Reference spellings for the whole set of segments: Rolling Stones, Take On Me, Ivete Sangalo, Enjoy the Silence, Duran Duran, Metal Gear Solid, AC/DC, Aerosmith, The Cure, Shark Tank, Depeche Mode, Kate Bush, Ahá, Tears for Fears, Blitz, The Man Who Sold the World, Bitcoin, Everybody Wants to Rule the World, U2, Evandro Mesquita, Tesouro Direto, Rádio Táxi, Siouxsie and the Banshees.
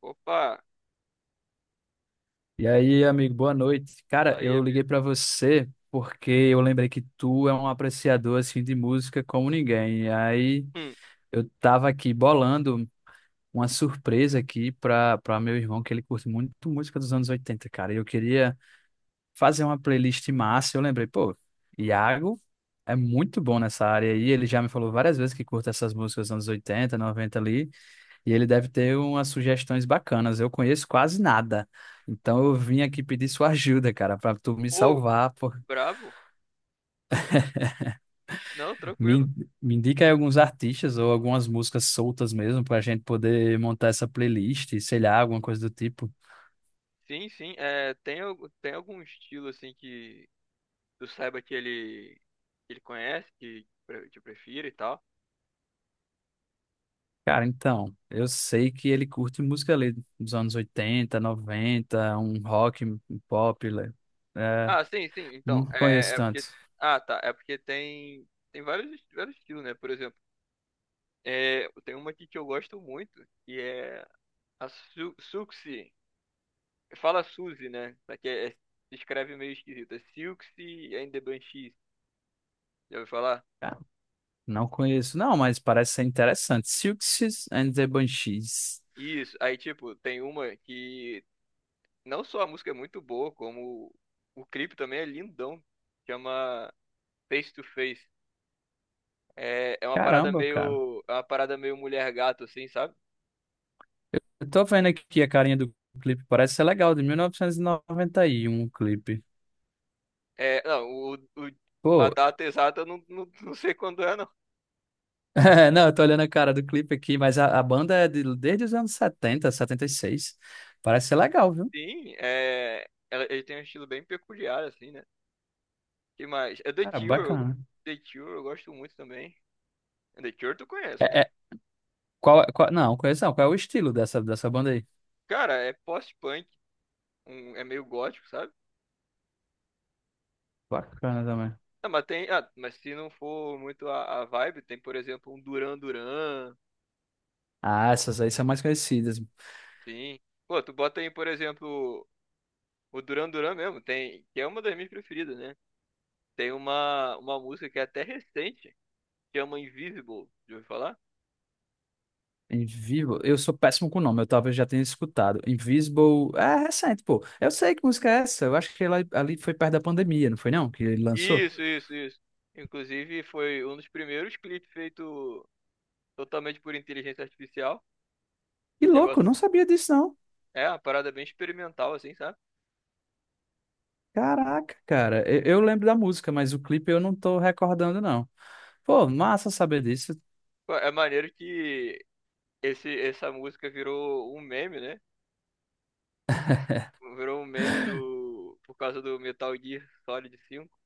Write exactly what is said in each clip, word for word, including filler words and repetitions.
Opa, E aí, amigo, boa noite. Cara, fala aí, eu liguei amigo. pra você porque eu lembrei que tu é um apreciador assim de música como ninguém. E aí, Hum, eu tava aqui bolando uma surpresa aqui pra para meu irmão que ele curte muito música dos anos oitenta, cara. E eu queria fazer uma playlist massa. Eu lembrei, pô, Iago é muito bom nessa área aí. Ele já me falou várias vezes que curta essas músicas dos anos oitenta, noventa ali. E ele deve ter umas sugestões bacanas. Eu conheço quase nada. Então eu vim aqui pedir sua ajuda, cara, para tu me pô, salvar. Por... brabo? Não, Me, tranquilo. me indica aí alguns artistas ou algumas músicas soltas mesmo, para a gente poder montar essa playlist, sei lá, alguma coisa do tipo. Sim, sim. É, tem, algu- tem algum estilo assim que tu saiba que ele, que ele conhece, que pre- te prefira e tal? Cara, então, eu sei que ele curte música ali dos anos oitenta noventa, um rock, um pop, né? É, Ah, sim, sim. Então, não conheço é, é tanto. porque. Ah, tá. É porque tem, tem vários, est- vários estilos, né? Por exemplo, é, tem uma aqui que eu gosto muito, que é a Su Suxi. Fala Suzy, né? Só que é, é, se escreve meio esquisito. É Silxi and the Banshees. Já ouviu falar? Cara, não conheço, não, mas parece ser interessante. Silks and the Banshees. Isso, aí tipo, tem uma que não só a música é muito boa, como o clipe também é lindão. Chama Face to Face. É, é uma parada Caramba, cara. meio, é uma parada meio mulher gato assim, sabe? Eu tô vendo aqui a carinha do clipe, parece ser legal, de mil novecentos e noventa e um o clipe. É, não, o, o- a Pô, data exata eu não, não, não sei quando é, não. é, não, eu tô olhando a cara do clipe aqui, mas a, a banda é de- desde os anos setenta, setenta e seis. Parece ser legal, viu? Sim, é, ela- ele tem um estilo bem peculiar assim, né? Que mais? É The Cara, Cure, eu- bacana. The Cure eu gosto muito também. The Cure tu conhece, É, né? é- qual, qual- não, conheço não. Qual é o estilo dessa, dessa banda aí? Cara, é post-punk, um, é meio gótico, sabe? Bacana também. Não, mas tem, ah, mas se não for muito a, a vibe, tem, por exemplo, um Duran Duran, Ah, essas aí são mais conhecidas. sim. Pô, tu bota aí, por exemplo, o Duran Duran mesmo, tem, que é uma das minhas preferidas, né? Tem uma, uma música que é até recente, que chama Invisible, já ouviu falar? Invisible, eu sou péssimo com o nome, eu talvez já tenha escutado. Invisible, é recente, pô. Eu sei que música é essa, eu acho que ela, ali foi perto da pandemia, não foi não? Que ele lançou. Isso, isso, isso. Inclusive, foi um dos primeiros clipes feito totalmente por inteligência artificial. Que louco, eu Negócio, não sabia disso não. é uma parada bem experimental, assim, sabe? Caraca, cara, eu, eu lembro da música, mas o clipe eu não tô recordando não. Pô, massa saber disso. Pô, é maneiro que esse, essa música virou um meme, né? Virou um meme do. Por causa do Metal Gear Solid cinco.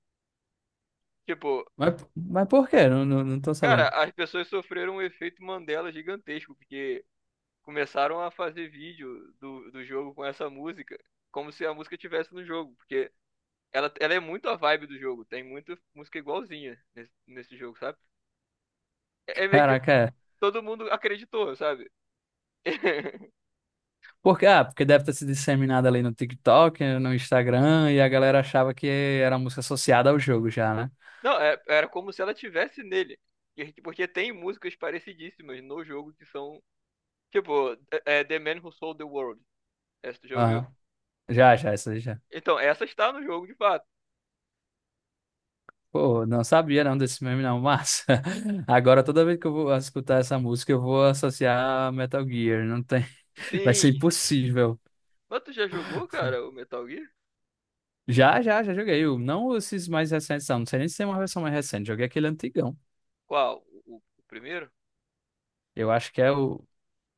Tipo, Mas, mas por quê? Não, não, não tô cara, sabendo. as pessoas sofreram um efeito Mandela gigantesco, porque começaram a fazer vídeo do, do jogo com essa música, como se a música tivesse no jogo, porque ela, ela é muito a vibe do jogo, tem muita música igualzinha nesse, nesse jogo, sabe? É é meio que Caraca, é. todo mundo acreditou, sabe? Porque, ah, porque deve ter se disseminado ali no TikTok, no Instagram, e a galera achava que era música associada ao jogo já, né? Não, é- era como se ela tivesse nele. E, porque tem músicas parecidíssimas no jogo que são. Tipo, é é The Man Who Sold the World. Essa tu já ouviu? Aham. Já, já, isso aí já. Então, essa está no jogo de fato. Pô, não sabia não desse meme não, mas agora toda vez que eu vou escutar essa música eu vou associar a Metal Gear, não tem, vai ser Sim. impossível. Mas tu já jogou, cara, o Metal Gear? Já, já, já joguei, o- não esses mais recentes não, não sei nem se tem uma versão mais recente, joguei aquele antigão. Qual? O, o- o primeiro? Eu acho que é o,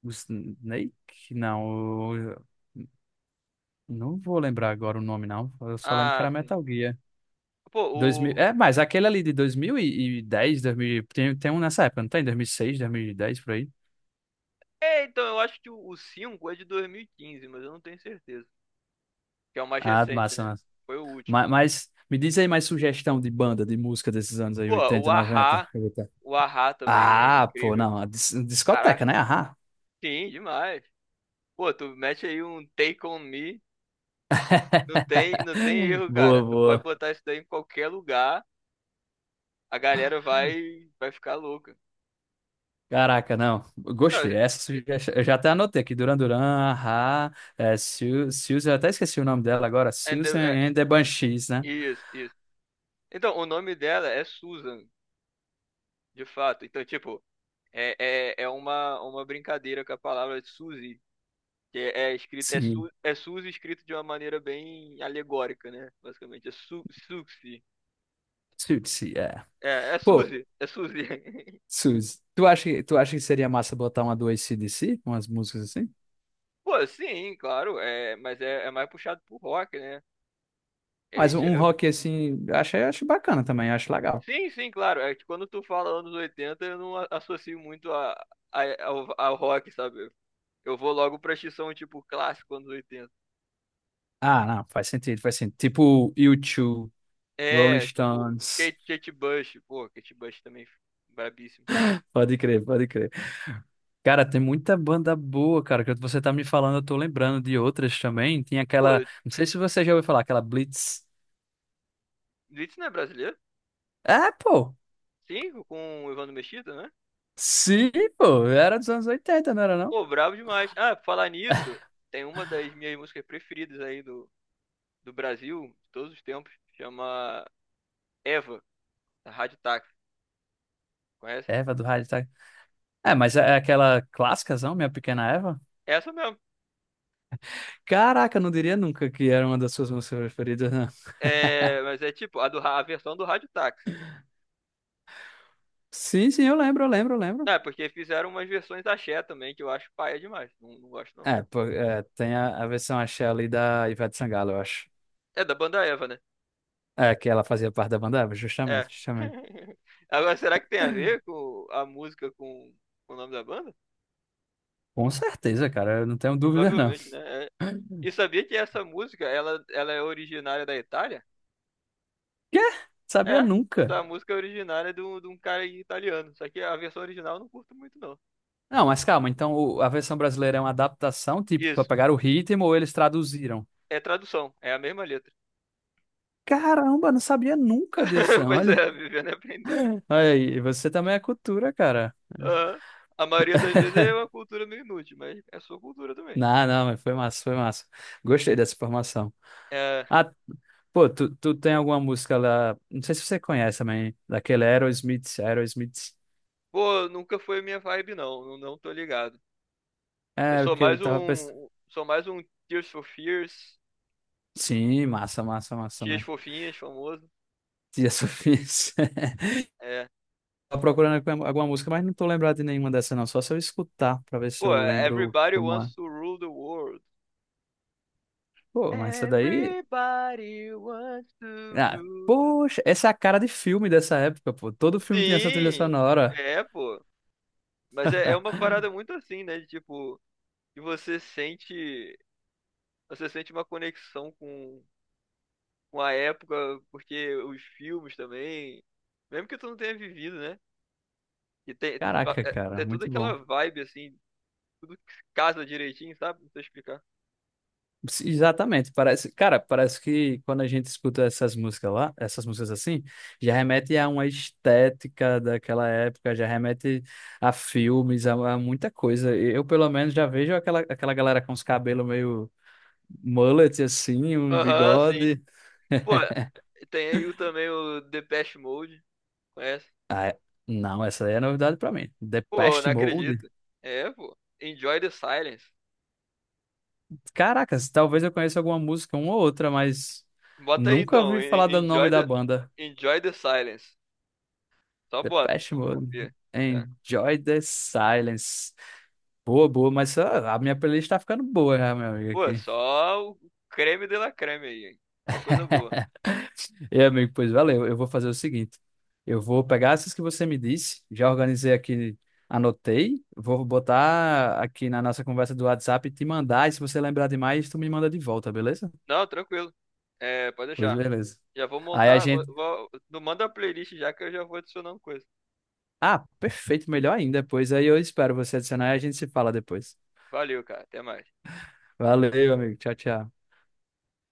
o Snake, não, o- não vou lembrar agora o nome não, eu só lembro que Ah, era sim. Metal Gear. Pô, Dois mil o. é, mas aquele ali de dois mil e dez, dois mil tem, tem um nessa época, não tem? dois mil e seis, dez por aí. É, então, eu acho que o o cinco é de dois mil e quinze, mas eu não tenho certeza. Que é o mais Ah, recente, massa, né? massa. Foi o último. Mas, mas me diz aí mais sugestão de banda, de música desses anos aí, Pô, o oitenta, noventa, Ahá. oitenta. O Ahá também é Ah, pô, incrível. não, a dis- discoteca, Caraca, né? Aham. sim, demais. Pô, tu mete aí um Take On Me. Não tem, não tem erro, Boa, cara. Tu pode boa. botar isso daí em qualquer lugar. A galera vai, vai ficar louca. Caraca, não. Não, Gostei essa sugestão. Eu já até anotei aqui. Duran Duran, Ahá, é, Su- Susan, eu até esqueci o nome dela agora. and the, Susan é, and the Banshees, né? isso, isso. Então, o nome dela é Susan, de fato. Então, tipo, é, é, é uma, uma brincadeira com a palavra Suzy, que é, é escrito, é, Sim. Su, é Suzy escrito de uma maneira bem alegórica, né? Basicamente, é Su, Suxy. Suzy, é. É, é Pô, Suzy, é Suzy. Suzy, tu acha, que- tu acha que seria massa botar uma do A C/D C? Umas músicas assim? Pô, sim, claro, é, mas é, é mais puxado pro rock, né? É, Mas um de- um é, rock assim, acho, acho bacana também, acho legal. sim, sim, claro. É que quando tu fala anos oitenta eu não a- associo muito a, a- ao, ao rock, sabe? Eu vou logo pra X-Som, tipo, clássico anos oitenta. Ah, não, faz sentido, faz sentido. Tipo U dois, Rolling É, tipo, Stones. Kate, Kate Bush. Pô, Kate Bush também, brabíssimo. Pode crer, pode crer. Cara, tem muita banda boa, cara, que você tá me falando, eu tô lembrando de outras também. Tem aquela, Pô, não sei se você já ouviu falar, aquela Blitz. Blitz não é brasileiro? É, pô. Sim, com o Evandro Mesquita, né? Sim, pô. Era dos anos oitenta, não era não? Pô, brabo demais. Ah, pra falar nisso, tem uma das minhas músicas preferidas aí do, do Brasil, de todos os tempos, chama Eva, da Rádio Táxi. Conhece? Eva do rádio, tá? É, mas é é aquela clássicazão, Minha Pequena Eva. É, essa mesmo. Caraca, eu não diria nunca que era uma das suas músicas preferidas, né? É, mas é tipo, a, do, ra- a versão do Rádio Táxi. Sim, sim, eu lembro, eu lembro, eu lembro. Ah, porque fizeram umas versões da axé também, que eu acho paia demais. Não, não gosto, não. É, pô, é, tem a, a versão axé ali da Ivete Sangalo, eu acho. É da banda Eva, né? É, que ela fazia parte da banda, Eva, É. justamente, justamente. Agora, será que tem a ver com a música com, com o nome da banda? Com certeza, cara, eu não tenho dúvida, não. Provavelmente, né? É. E sabia que essa música, ela, ela é originária da Itália? Quê? Sabia É. nunca. Essa música é originária de um, de um cara italiano. Só que a versão original eu não curto muito, não. Não, mas calma, então o- a versão brasileira é uma adaptação, tipo, pra Isso. pegar o ritmo ou eles traduziram? É tradução. É a mesma letra. Caramba, não sabia nunca disso, não. Pois Olha, é, vivendo e aprendendo. olha aí, você também é cultura, cara. Aham. A maioria das vezes é uma cultura meio inútil, mas é sua cultura também. Não, não, mas foi massa, foi massa. Gostei dessa formação. É, Ah, pô, tu, tu tem alguma música lá, não sei se você conhece também, daquele Aerosmith, Aerosmith. pô, nunca foi minha vibe, não. Não, não tô ligado. Eu É, sou porque eu mais tava pensando. um. Sou mais um Tears for Fears. Sim, massa, massa, massa, Tias né? fofinhas, famoso. Tia Sofia. É. Tava procurando aqui alguma música, mas não tô lembrado de nenhuma dessa, não. Só se eu escutar pra ver se Pô, eu lembro Everybody como é. Wants to Rule the World. Pô, mas essa daí. Everybody wants to Ah, rule the... poxa, essa é a cara de filme dessa época, pô. Todo filme tinha essa trilha Sim! sonora. É, pô. Mas é, é uma parada muito assim, né? De, tipo, que você sente. Você sente uma conexão com, com a época, porque os filmes também. Mesmo que tu não tenha vivido, né? E tem, pa- Caraca, é, cara, é tudo muito aquela bom. vibe, assim, tudo casa direitinho, sabe? Não sei explicar. Sim, exatamente, parece, cara, parece que quando a gente escuta essas músicas lá, essas músicas assim, já remete a uma estética daquela época, já remete a filmes, a, a muita coisa. Eu, pelo menos, já vejo aquela, aquela galera com os cabelos meio mullet assim, um Aham, sim. bigode. Pô, tem aí o, também o Depeche Mode, conhece? Ah, é- não, essa aí é novidade pra mim. Pô, Depeche não Mode. acredito. É, pô. Enjoy the Silence. Caracas, talvez eu conheça alguma música, uma ou outra, mas Bota aí nunca então, ouvi en- falar do en- nome Enjoy da the, banda. Enjoy the Silence. Só bota, Depeche Mode. confia. É. Enjoy the Silence. Boa, boa, mas ah, a minha playlist tá ficando boa, já, meu amigo, Pô, aqui. só o creme de la creme aí, hein? Só uma coisa boa. E, amigo, pois valeu. Eu vou fazer o seguinte. Eu vou pegar essas que você me disse, já organizei aqui, anotei, vou botar aqui na nossa conversa do WhatsApp e te mandar, e se você lembrar demais, tu me manda de volta, beleza? Não, tranquilo. É, pode Pois deixar. beleza. Já vou Aí a montar, vou, gente... vou- não manda a playlist já que eu já vou adicionando coisa. Ah, perfeito, melhor ainda. Pois aí eu espero você adicionar e a gente se fala depois. Valeu, cara. Até mais. Valeu, amigo. Tchau, tchau.